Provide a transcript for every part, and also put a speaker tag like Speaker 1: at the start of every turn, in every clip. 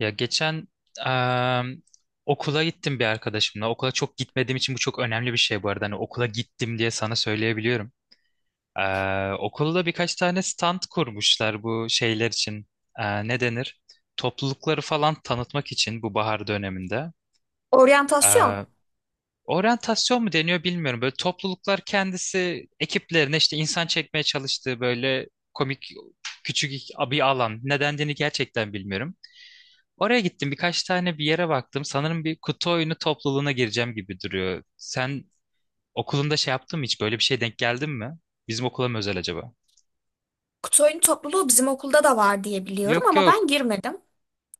Speaker 1: Ya geçen em, okula gittim bir arkadaşımla. Okula çok gitmediğim için bu çok önemli bir şey bu arada. Hani okula gittim diye sana söyleyebiliyorum. Okulda birkaç tane stand kurmuşlar bu şeyler için. Ne denir? Toplulukları falan tanıtmak için bu bahar döneminde.
Speaker 2: Oryantasyon.
Speaker 1: Ee, Oryantasyon mu deniyor bilmiyorum. Böyle topluluklar kendisi ekiplerine işte insan çekmeye çalıştığı böyle komik küçük bir alan. Ne dendiğini gerçekten bilmiyorum. Oraya gittim birkaç tane bir yere baktım. Sanırım bir kutu oyunu topluluğuna gireceğim gibi duruyor. Sen okulunda şey yaptın mı hiç? Böyle bir şey denk geldin mi? Bizim okula mı özel acaba?
Speaker 2: Kutu oyunu topluluğu bizim okulda da var diye biliyorum
Speaker 1: Yok,
Speaker 2: ama ben
Speaker 1: yok.
Speaker 2: girmedim.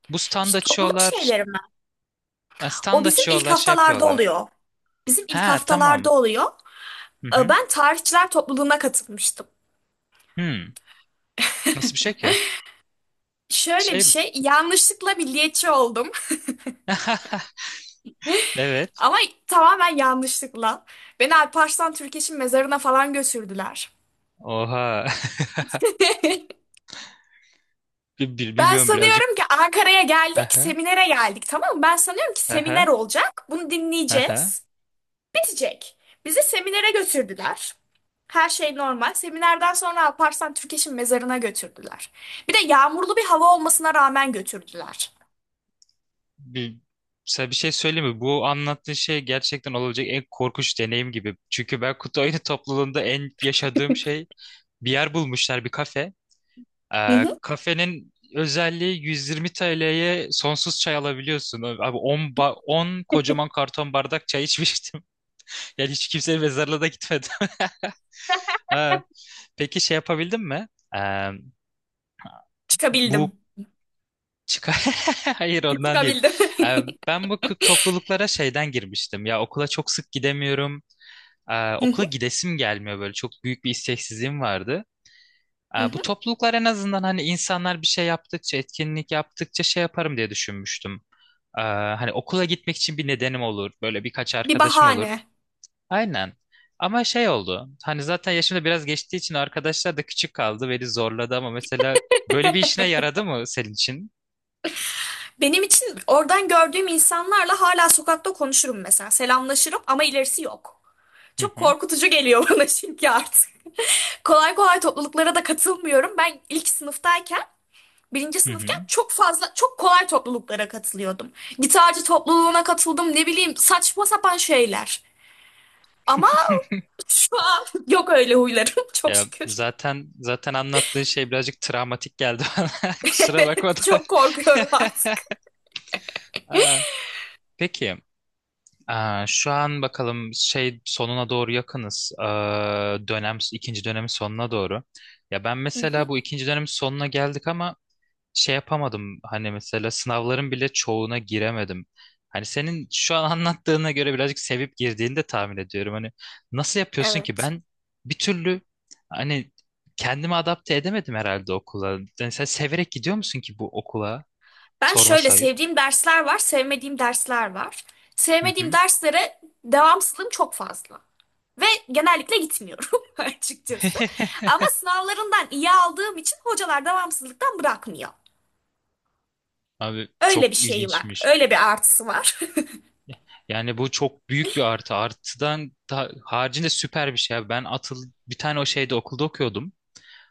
Speaker 1: Bu stand
Speaker 2: İşte topluluk
Speaker 1: açıyorlar.
Speaker 2: şeyleri mi?
Speaker 1: Ha,
Speaker 2: O
Speaker 1: stand
Speaker 2: bizim ilk
Speaker 1: açıyorlar şey
Speaker 2: haftalarda
Speaker 1: yapıyorlar.
Speaker 2: oluyor. Bizim ilk
Speaker 1: Ha,
Speaker 2: haftalarda
Speaker 1: tamam.
Speaker 2: oluyor.
Speaker 1: Hı hı.
Speaker 2: Ben tarihçiler topluluğuna katılmıştım.
Speaker 1: Hmm. Nasıl bir şey ki?
Speaker 2: Şöyle bir
Speaker 1: Şey mi?
Speaker 2: şey, yanlışlıkla milliyetçi oldum.
Speaker 1: Evet.
Speaker 2: Ama tamamen yanlışlıkla. Beni Alparslan Türkeş'in mezarına falan götürdüler.
Speaker 1: Oha.
Speaker 2: Ben
Speaker 1: Bilmiyorum birazcık.
Speaker 2: sanıyorum ki Ankara'ya geldik,
Speaker 1: Aha.
Speaker 2: seminere geldik, tamam mı? Ben sanıyorum ki seminer
Speaker 1: Aha.
Speaker 2: olacak. Bunu
Speaker 1: Aha.
Speaker 2: dinleyeceğiz, geçecek. Bizi seminere götürdüler. Her şey normal. Seminerden sonra Alparslan Türkeş'in mezarına götürdüler. Bir de yağmurlu bir hava olmasına rağmen götürdüler.
Speaker 1: Bir, sana bir şey söyleyeyim mi? Bu anlattığın şey gerçekten olabilecek en korkunç deneyim gibi. Çünkü ben kutu oyunu topluluğunda en yaşadığım şey bir yer bulmuşlar bir kafe.
Speaker 2: Hı hı.
Speaker 1: Kafenin özelliği 120 TL'ye sonsuz çay alabiliyorsun. Abi 10 kocaman karton bardak çay içmiştim. Yani hiç kimsenin mezarlığına da gitmedim. Ha. Peki şey yapabildin mi? Ee, bu
Speaker 2: Çıkabildim.
Speaker 1: Çıkar. Hayır, ondan değil.
Speaker 2: Çıkabildim.
Speaker 1: Ee, Ben bu topluluklara şeyden girmiştim. Ya okula çok sık gidemiyorum.
Speaker 2: Hı
Speaker 1: Okula
Speaker 2: hı.
Speaker 1: gidesim gelmiyor böyle. Çok büyük bir isteksizliğim vardı.
Speaker 2: Hı
Speaker 1: Bu
Speaker 2: hı.
Speaker 1: topluluklar en azından hani insanlar bir şey yaptıkça, etkinlik yaptıkça şey yaparım diye düşünmüştüm. Hani okula gitmek için bir nedenim olur. Böyle birkaç
Speaker 2: Bir
Speaker 1: arkadaşım olur.
Speaker 2: bahane.
Speaker 1: Aynen. Ama şey oldu. Hani zaten yaşımda biraz geçtiği için arkadaşlar da küçük kaldı. Beni zorladı ama mesela böyle bir işine yaradı mı senin için?
Speaker 2: Benim için oradan gördüğüm insanlarla hala sokakta konuşurum mesela. Selamlaşırım ama ilerisi yok.
Speaker 1: Hı
Speaker 2: Çok
Speaker 1: hı.
Speaker 2: korkutucu geliyor bana çünkü artık. Kolay kolay topluluklara da katılmıyorum. Ben ilk sınıftayken birinci
Speaker 1: Hı hı.
Speaker 2: sınıfken çok fazla çok kolay topluluklara katılıyordum. Gitarcı topluluğuna katıldım, ne bileyim, saçma sapan şeyler. Ama şu an yok öyle huylarım çok
Speaker 1: Ya
Speaker 2: şükür.
Speaker 1: zaten anlattığı şey birazcık travmatik geldi bana. Kusura bakma
Speaker 2: Evet,
Speaker 1: da.
Speaker 2: çok korkuyorum artık.
Speaker 1: Aa, Peki, şu an bakalım şey sonuna doğru yakınız. Dönem ikinci dönemin sonuna doğru. Ya ben
Speaker 2: Hı
Speaker 1: mesela
Speaker 2: hı.
Speaker 1: bu ikinci dönemin sonuna geldik ama şey yapamadım hani mesela sınavların bile çoğuna giremedim. Hani senin şu an anlattığına göre birazcık sevip girdiğini de tahmin ediyorum. Hani nasıl yapıyorsun ki
Speaker 2: Evet.
Speaker 1: ben bir türlü hani kendimi adapte edemedim herhalde okula. Yani sen severek gidiyor musun ki bu okula?
Speaker 2: Ben
Speaker 1: Sorma
Speaker 2: şöyle,
Speaker 1: sayıp.
Speaker 2: sevdiğim dersler var, sevmediğim dersler var.
Speaker 1: Hı
Speaker 2: Sevmediğim
Speaker 1: hı.
Speaker 2: derslere devamsızlığım çok fazla. Ve genellikle gitmiyorum açıkçası. Ama sınavlarından iyi aldığım için hocalar devamsızlıktan bırakmıyor.
Speaker 1: Abi,
Speaker 2: Öyle bir
Speaker 1: çok
Speaker 2: şey var.
Speaker 1: ilginçmiş.
Speaker 2: Öyle bir artısı var.
Speaker 1: Yani bu çok büyük bir artı. Artıdan haricinde süper bir şey. Abi. Ben atıl bir tane o şeyde okulda okuyordum.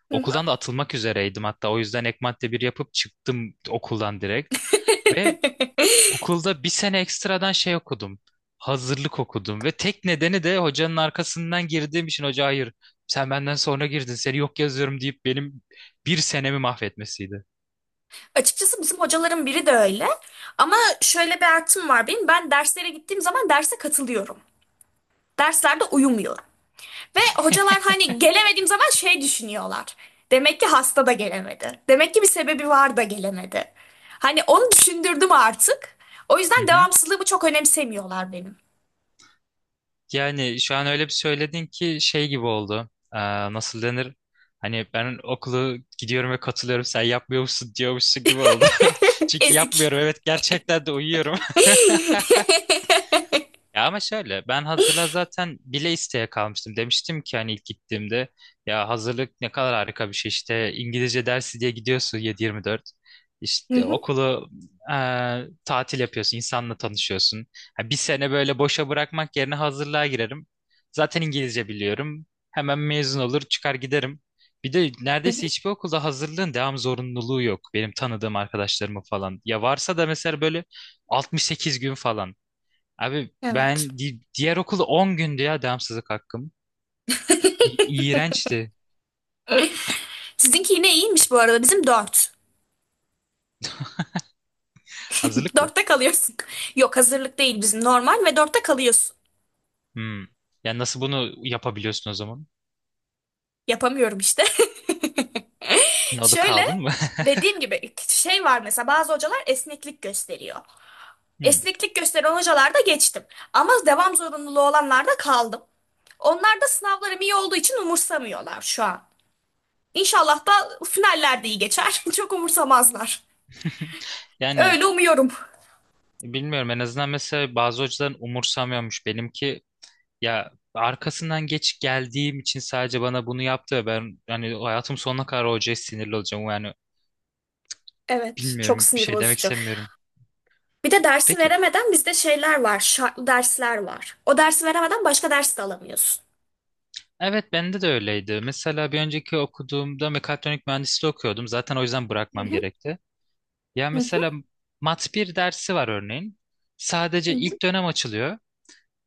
Speaker 2: Hı hı.
Speaker 1: Okuldan da atılmak üzereydim hatta o yüzden ek madde bir yapıp çıktım okuldan direkt. Ve okulda bir sene ekstradan şey okudum. Hazırlık okudum ve tek nedeni de hocanın arkasından girdiğim için hoca hayır sen benden sonra girdin seni yok yazıyorum deyip benim bir senemi mahvetmesiydi.
Speaker 2: Açıkçası bizim hocaların biri de öyle. Ama şöyle bir artım var benim. Ben derslere gittiğim zaman derse katılıyorum. Derslerde uyumuyorum. Ve hocalar hani gelemediğim zaman şey düşünüyorlar. Demek ki hasta da gelemedi. Demek ki bir sebebi var da gelemedi. Hani onu düşündürdüm artık. O
Speaker 1: Hı
Speaker 2: yüzden
Speaker 1: hı.
Speaker 2: devamsızlığımı çok önemsemiyorlar benim.
Speaker 1: Yani şu an öyle bir söyledin ki şey gibi oldu. Nasıl denir? Hani ben okulu gidiyorum ve katılıyorum sen yapmıyormuşsun diyormuşsun gibi oldu. Çünkü
Speaker 2: Ezik.
Speaker 1: yapmıyorum evet gerçekten de uyuyorum. Ya ama şöyle ben hazırlığa zaten bile isteye kalmıştım. Demiştim ki hani ilk gittiğimde ya hazırlık ne kadar harika bir şey işte İngilizce dersi diye gidiyorsun 7-24.
Speaker 2: Hı
Speaker 1: İşte
Speaker 2: hı,
Speaker 1: okulu tatil yapıyorsun, insanla tanışıyorsun. Ha, bir sene böyle boşa bırakmak yerine hazırlığa girerim. Zaten İngilizce biliyorum. Hemen mezun olur çıkar giderim. Bir de
Speaker 2: hı
Speaker 1: neredeyse
Speaker 2: hı.
Speaker 1: hiçbir okulda hazırlığın devam zorunluluğu yok. Benim tanıdığım arkadaşlarımın falan. Ya varsa da mesela böyle 68 gün falan. Abi
Speaker 2: Evet.
Speaker 1: ben diğer okulda 10 gündü ya devamsızlık hakkım. İğrençti.
Speaker 2: Sizinki yine iyiymiş bu arada. Bizim dört.
Speaker 1: Hazırlık mı?
Speaker 2: Dörtte kalıyorsun. Yok, hazırlık değil bizim, normal ve dörtte kalıyorsun.
Speaker 1: Hmm. Ya nasıl bunu yapabiliyorsun o zaman?
Speaker 2: Yapamıyorum işte.
Speaker 1: Ne, kaldın
Speaker 2: Şöyle
Speaker 1: mı?
Speaker 2: dediğim gibi, şey var mesela, bazı hocalar esneklik gösteriyor.
Speaker 1: Hmm.
Speaker 2: Esneklik gösteren hocalarda geçtim. Ama devam zorunluluğu olanlarda kaldım. Onlar da sınavlarım iyi olduğu için umursamıyorlar şu an. İnşallah da finaller de iyi geçer. Çok umursamazlar.
Speaker 1: Yani
Speaker 2: Öyle umuyorum.
Speaker 1: bilmiyorum en azından mesela bazı hocaların umursamıyormuş. Benimki ya arkasından geç geldiğim için sadece bana bunu yaptı ve ben hani hayatım sonuna kadar hocaya sinirli olacağım. Yani
Speaker 2: Evet, çok
Speaker 1: bilmiyorum bir
Speaker 2: sinir
Speaker 1: şey demek
Speaker 2: bozucu.
Speaker 1: istemiyorum.
Speaker 2: Bir de dersi
Speaker 1: Peki.
Speaker 2: veremeden bizde şeyler var, şartlı dersler var. O dersi veremeden başka ders de alamıyorsun.
Speaker 1: Evet, bende de öyleydi. Mesela bir önceki okuduğumda mekatronik mühendisliği okuyordum. Zaten o yüzden bırakmam gerekti. Ya
Speaker 2: Hı hı,
Speaker 1: mesela Mat bir dersi var örneğin.
Speaker 2: hı
Speaker 1: Sadece
Speaker 2: hı,
Speaker 1: ilk dönem açılıyor.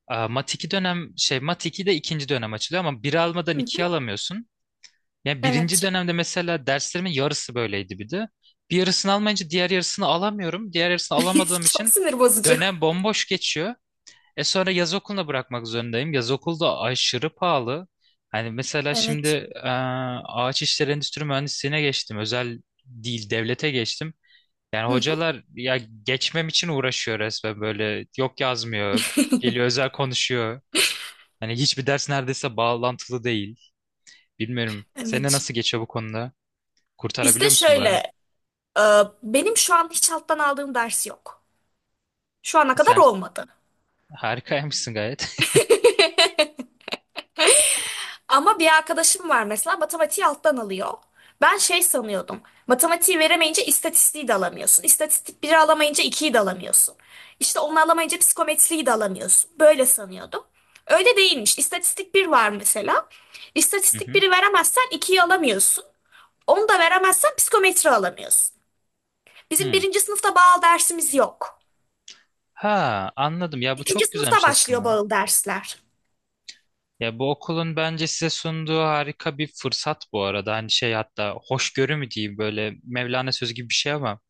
Speaker 1: Mat 2 dönem şey Mat 2 de ikinci dönem açılıyor ama bir almadan
Speaker 2: hı hı.
Speaker 1: ikiyi alamıyorsun. Yani birinci
Speaker 2: Evet.
Speaker 1: dönemde mesela derslerimin yarısı böyleydi bir de. Bir yarısını almayınca diğer yarısını alamıyorum. Diğer yarısını alamadığım
Speaker 2: Çok
Speaker 1: için
Speaker 2: sinir bozucu.
Speaker 1: dönem bomboş geçiyor. E sonra yaz okuluna bırakmak zorundayım. Yaz okulu da aşırı pahalı. Hani mesela şimdi
Speaker 2: Evet.
Speaker 1: e, ağaç işleri endüstri mühendisliğine geçtim. Özel değil devlete geçtim. Yani
Speaker 2: Hı hı.
Speaker 1: hocalar ya geçmem için uğraşıyor resmen böyle. Yok yazmıyor. Geliyor özel konuşuyor. Hani hiçbir ders neredeyse bağlantılı değil. Bilmiyorum. Senin
Speaker 2: Evet.
Speaker 1: nasıl geçiyor bu konuda?
Speaker 2: Bizde
Speaker 1: Kurtarabiliyor musun
Speaker 2: şöyle,
Speaker 1: bari?
Speaker 2: e, benim şu an hiç alttan aldığım ders yok. Şu ana kadar
Speaker 1: Sen
Speaker 2: olmadı.
Speaker 1: harikaymışsın gayet.
Speaker 2: Ama bir arkadaşım var mesela, matematiği alttan alıyor. Ben şey sanıyordum. Matematiği veremeyince istatistiği de alamıyorsun. İstatistik biri alamayınca ikiyi de alamıyorsun. İşte onu alamayınca psikometriyi de alamıyorsun. Böyle sanıyordum. Öyle değilmiş. İstatistik bir var mesela.
Speaker 1: Hı
Speaker 2: İstatistik
Speaker 1: hı.
Speaker 2: biri veremezsen ikiyi alamıyorsun. Onu da veremezsen psikometri alamıyorsun. Bizim
Speaker 1: Hı.
Speaker 2: birinci sınıfta bağıl dersimiz yok.
Speaker 1: Ha, anladım ya bu
Speaker 2: İkinci
Speaker 1: çok
Speaker 2: sınıfta
Speaker 1: güzelmiş
Speaker 2: başlıyor
Speaker 1: aslında.
Speaker 2: bağıl dersler.
Speaker 1: Ya bu okulun bence size sunduğu harika bir fırsat bu arada. Hani şey hatta hoşgörü mü diyeyim böyle Mevlana sözü gibi bir şey ama.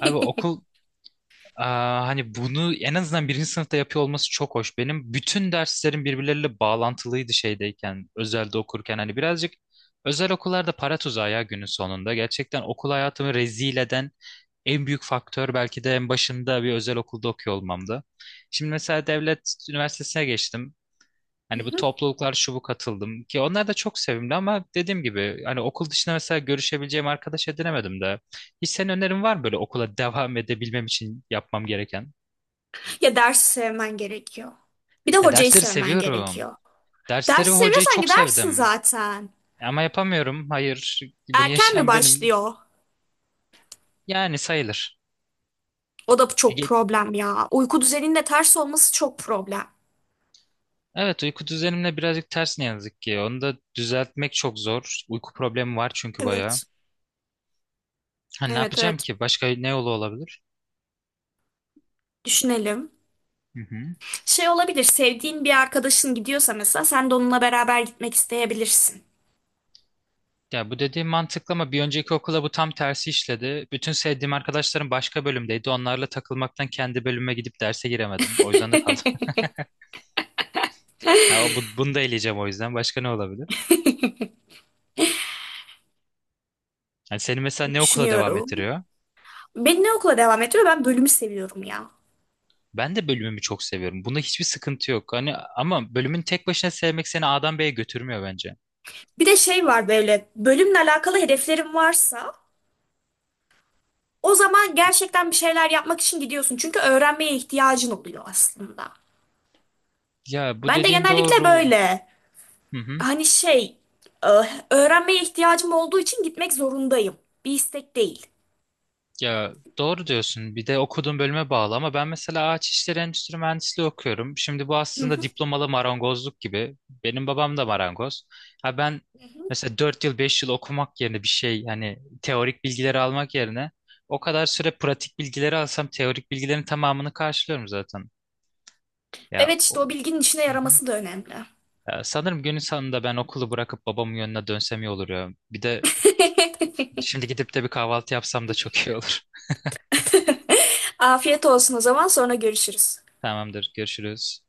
Speaker 1: Abi okul hani bunu en azından birinci sınıfta yapıyor olması çok hoş. Benim bütün derslerim birbirleriyle bağlantılıydı şeydeyken, özelde okurken. Hani birazcık özel okullarda para tuzağı ya günün sonunda. Gerçekten okul hayatımı rezil eden en büyük faktör belki de en başında bir özel okulda okuyor olmamdı. Şimdi mesela devlet üniversitesine geçtim.
Speaker 2: Hı
Speaker 1: Hani bu
Speaker 2: hı.
Speaker 1: topluluklar şu bu katıldım ki onlar da çok sevimli ama dediğim gibi hani okul dışında mesela görüşebileceğim arkadaş edinemedim de. Hiç senin önerin var mı böyle okula devam edebilmem için yapmam gereken?
Speaker 2: Ya dersi sevmen gerekiyor. Bir de
Speaker 1: Ya
Speaker 2: hocayı
Speaker 1: dersleri
Speaker 2: sevmen
Speaker 1: seviyorum.
Speaker 2: gerekiyor.
Speaker 1: Dersleri
Speaker 2: Dersi
Speaker 1: ve hocayı
Speaker 2: seviyorsan
Speaker 1: çok
Speaker 2: gidersin
Speaker 1: sevdim.
Speaker 2: zaten.
Speaker 1: Ama yapamıyorum. Hayır, bunu
Speaker 2: Erken mi
Speaker 1: yaşayan benim.
Speaker 2: başlıyor?
Speaker 1: Yani sayılır.
Speaker 2: O da çok
Speaker 1: Ge-
Speaker 2: problem ya. Uyku düzeninin de ters olması çok problem.
Speaker 1: Evet, uyku düzenimle birazcık ters ne yazık ki. Onu da düzeltmek çok zor. Uyku problemi var çünkü bayağı.
Speaker 2: Evet.
Speaker 1: Ha, ne
Speaker 2: Evet,
Speaker 1: yapacağım
Speaker 2: evet.
Speaker 1: ki? Başka ne yolu olabilir?
Speaker 2: Düşünelim.
Speaker 1: Hı hı.
Speaker 2: Şey olabilir, sevdiğin bir arkadaşın gidiyorsa mesela sen de onunla beraber gitmek isteyebilirsin.
Speaker 1: Ya bu dediğim mantıklı ama bir önceki okula bu tam tersi işledi. Bütün sevdiğim arkadaşlarım başka bölümdeydi. Onlarla takılmaktan kendi bölüme gidip derse giremedim. O yüzden de kaldım. Ya bunu da eleyeceğim o yüzden. Başka ne olabilir? Yani seni mesela ne okula devam
Speaker 2: Düşünüyorum.
Speaker 1: ettiriyor?
Speaker 2: Beni ne okula devam ettiriyor? Ben bölümü seviyorum ya.
Speaker 1: Ben de bölümümü çok seviyorum. Bunda hiçbir sıkıntı yok. Hani ama bölümün tek başına sevmek seni A'dan B'ye götürmüyor bence.
Speaker 2: Bir de şey var, böyle bölümle alakalı hedeflerin varsa o zaman gerçekten bir şeyler yapmak için gidiyorsun. Çünkü öğrenmeye ihtiyacın oluyor aslında.
Speaker 1: Ya bu
Speaker 2: Ben de
Speaker 1: dediğin
Speaker 2: genellikle
Speaker 1: doğru.
Speaker 2: böyle,
Speaker 1: Hı hı.
Speaker 2: hani şey, e, öğrenmeye ihtiyacım olduğu için gitmek zorundayım. Bir istek değil.
Speaker 1: Ya doğru diyorsun. Bir de okuduğum bölüme bağlı ama ben mesela ağaç işleri endüstri mühendisliği okuyorum. Şimdi bu
Speaker 2: Hı
Speaker 1: aslında
Speaker 2: hı.
Speaker 1: diplomalı marangozluk gibi. Benim babam da marangoz. Ha ben
Speaker 2: Hı hı.
Speaker 1: mesela 4 yıl 5 yıl okumak yerine bir şey hani teorik bilgileri almak yerine o kadar süre pratik bilgileri alsam teorik bilgilerin tamamını karşılıyorum zaten. Ya,
Speaker 2: Evet, işte o bilginin işine
Speaker 1: Hı hı.
Speaker 2: yaraması da önemli.
Speaker 1: Ya sanırım günün sonunda ben okulu bırakıp babamın yönüne dönsem iyi olur ya. Bir de şimdi gidip de bir kahvaltı yapsam da çok iyi olur.
Speaker 2: Afiyet olsun o zaman, sonra görüşürüz.
Speaker 1: Tamamdır, görüşürüz.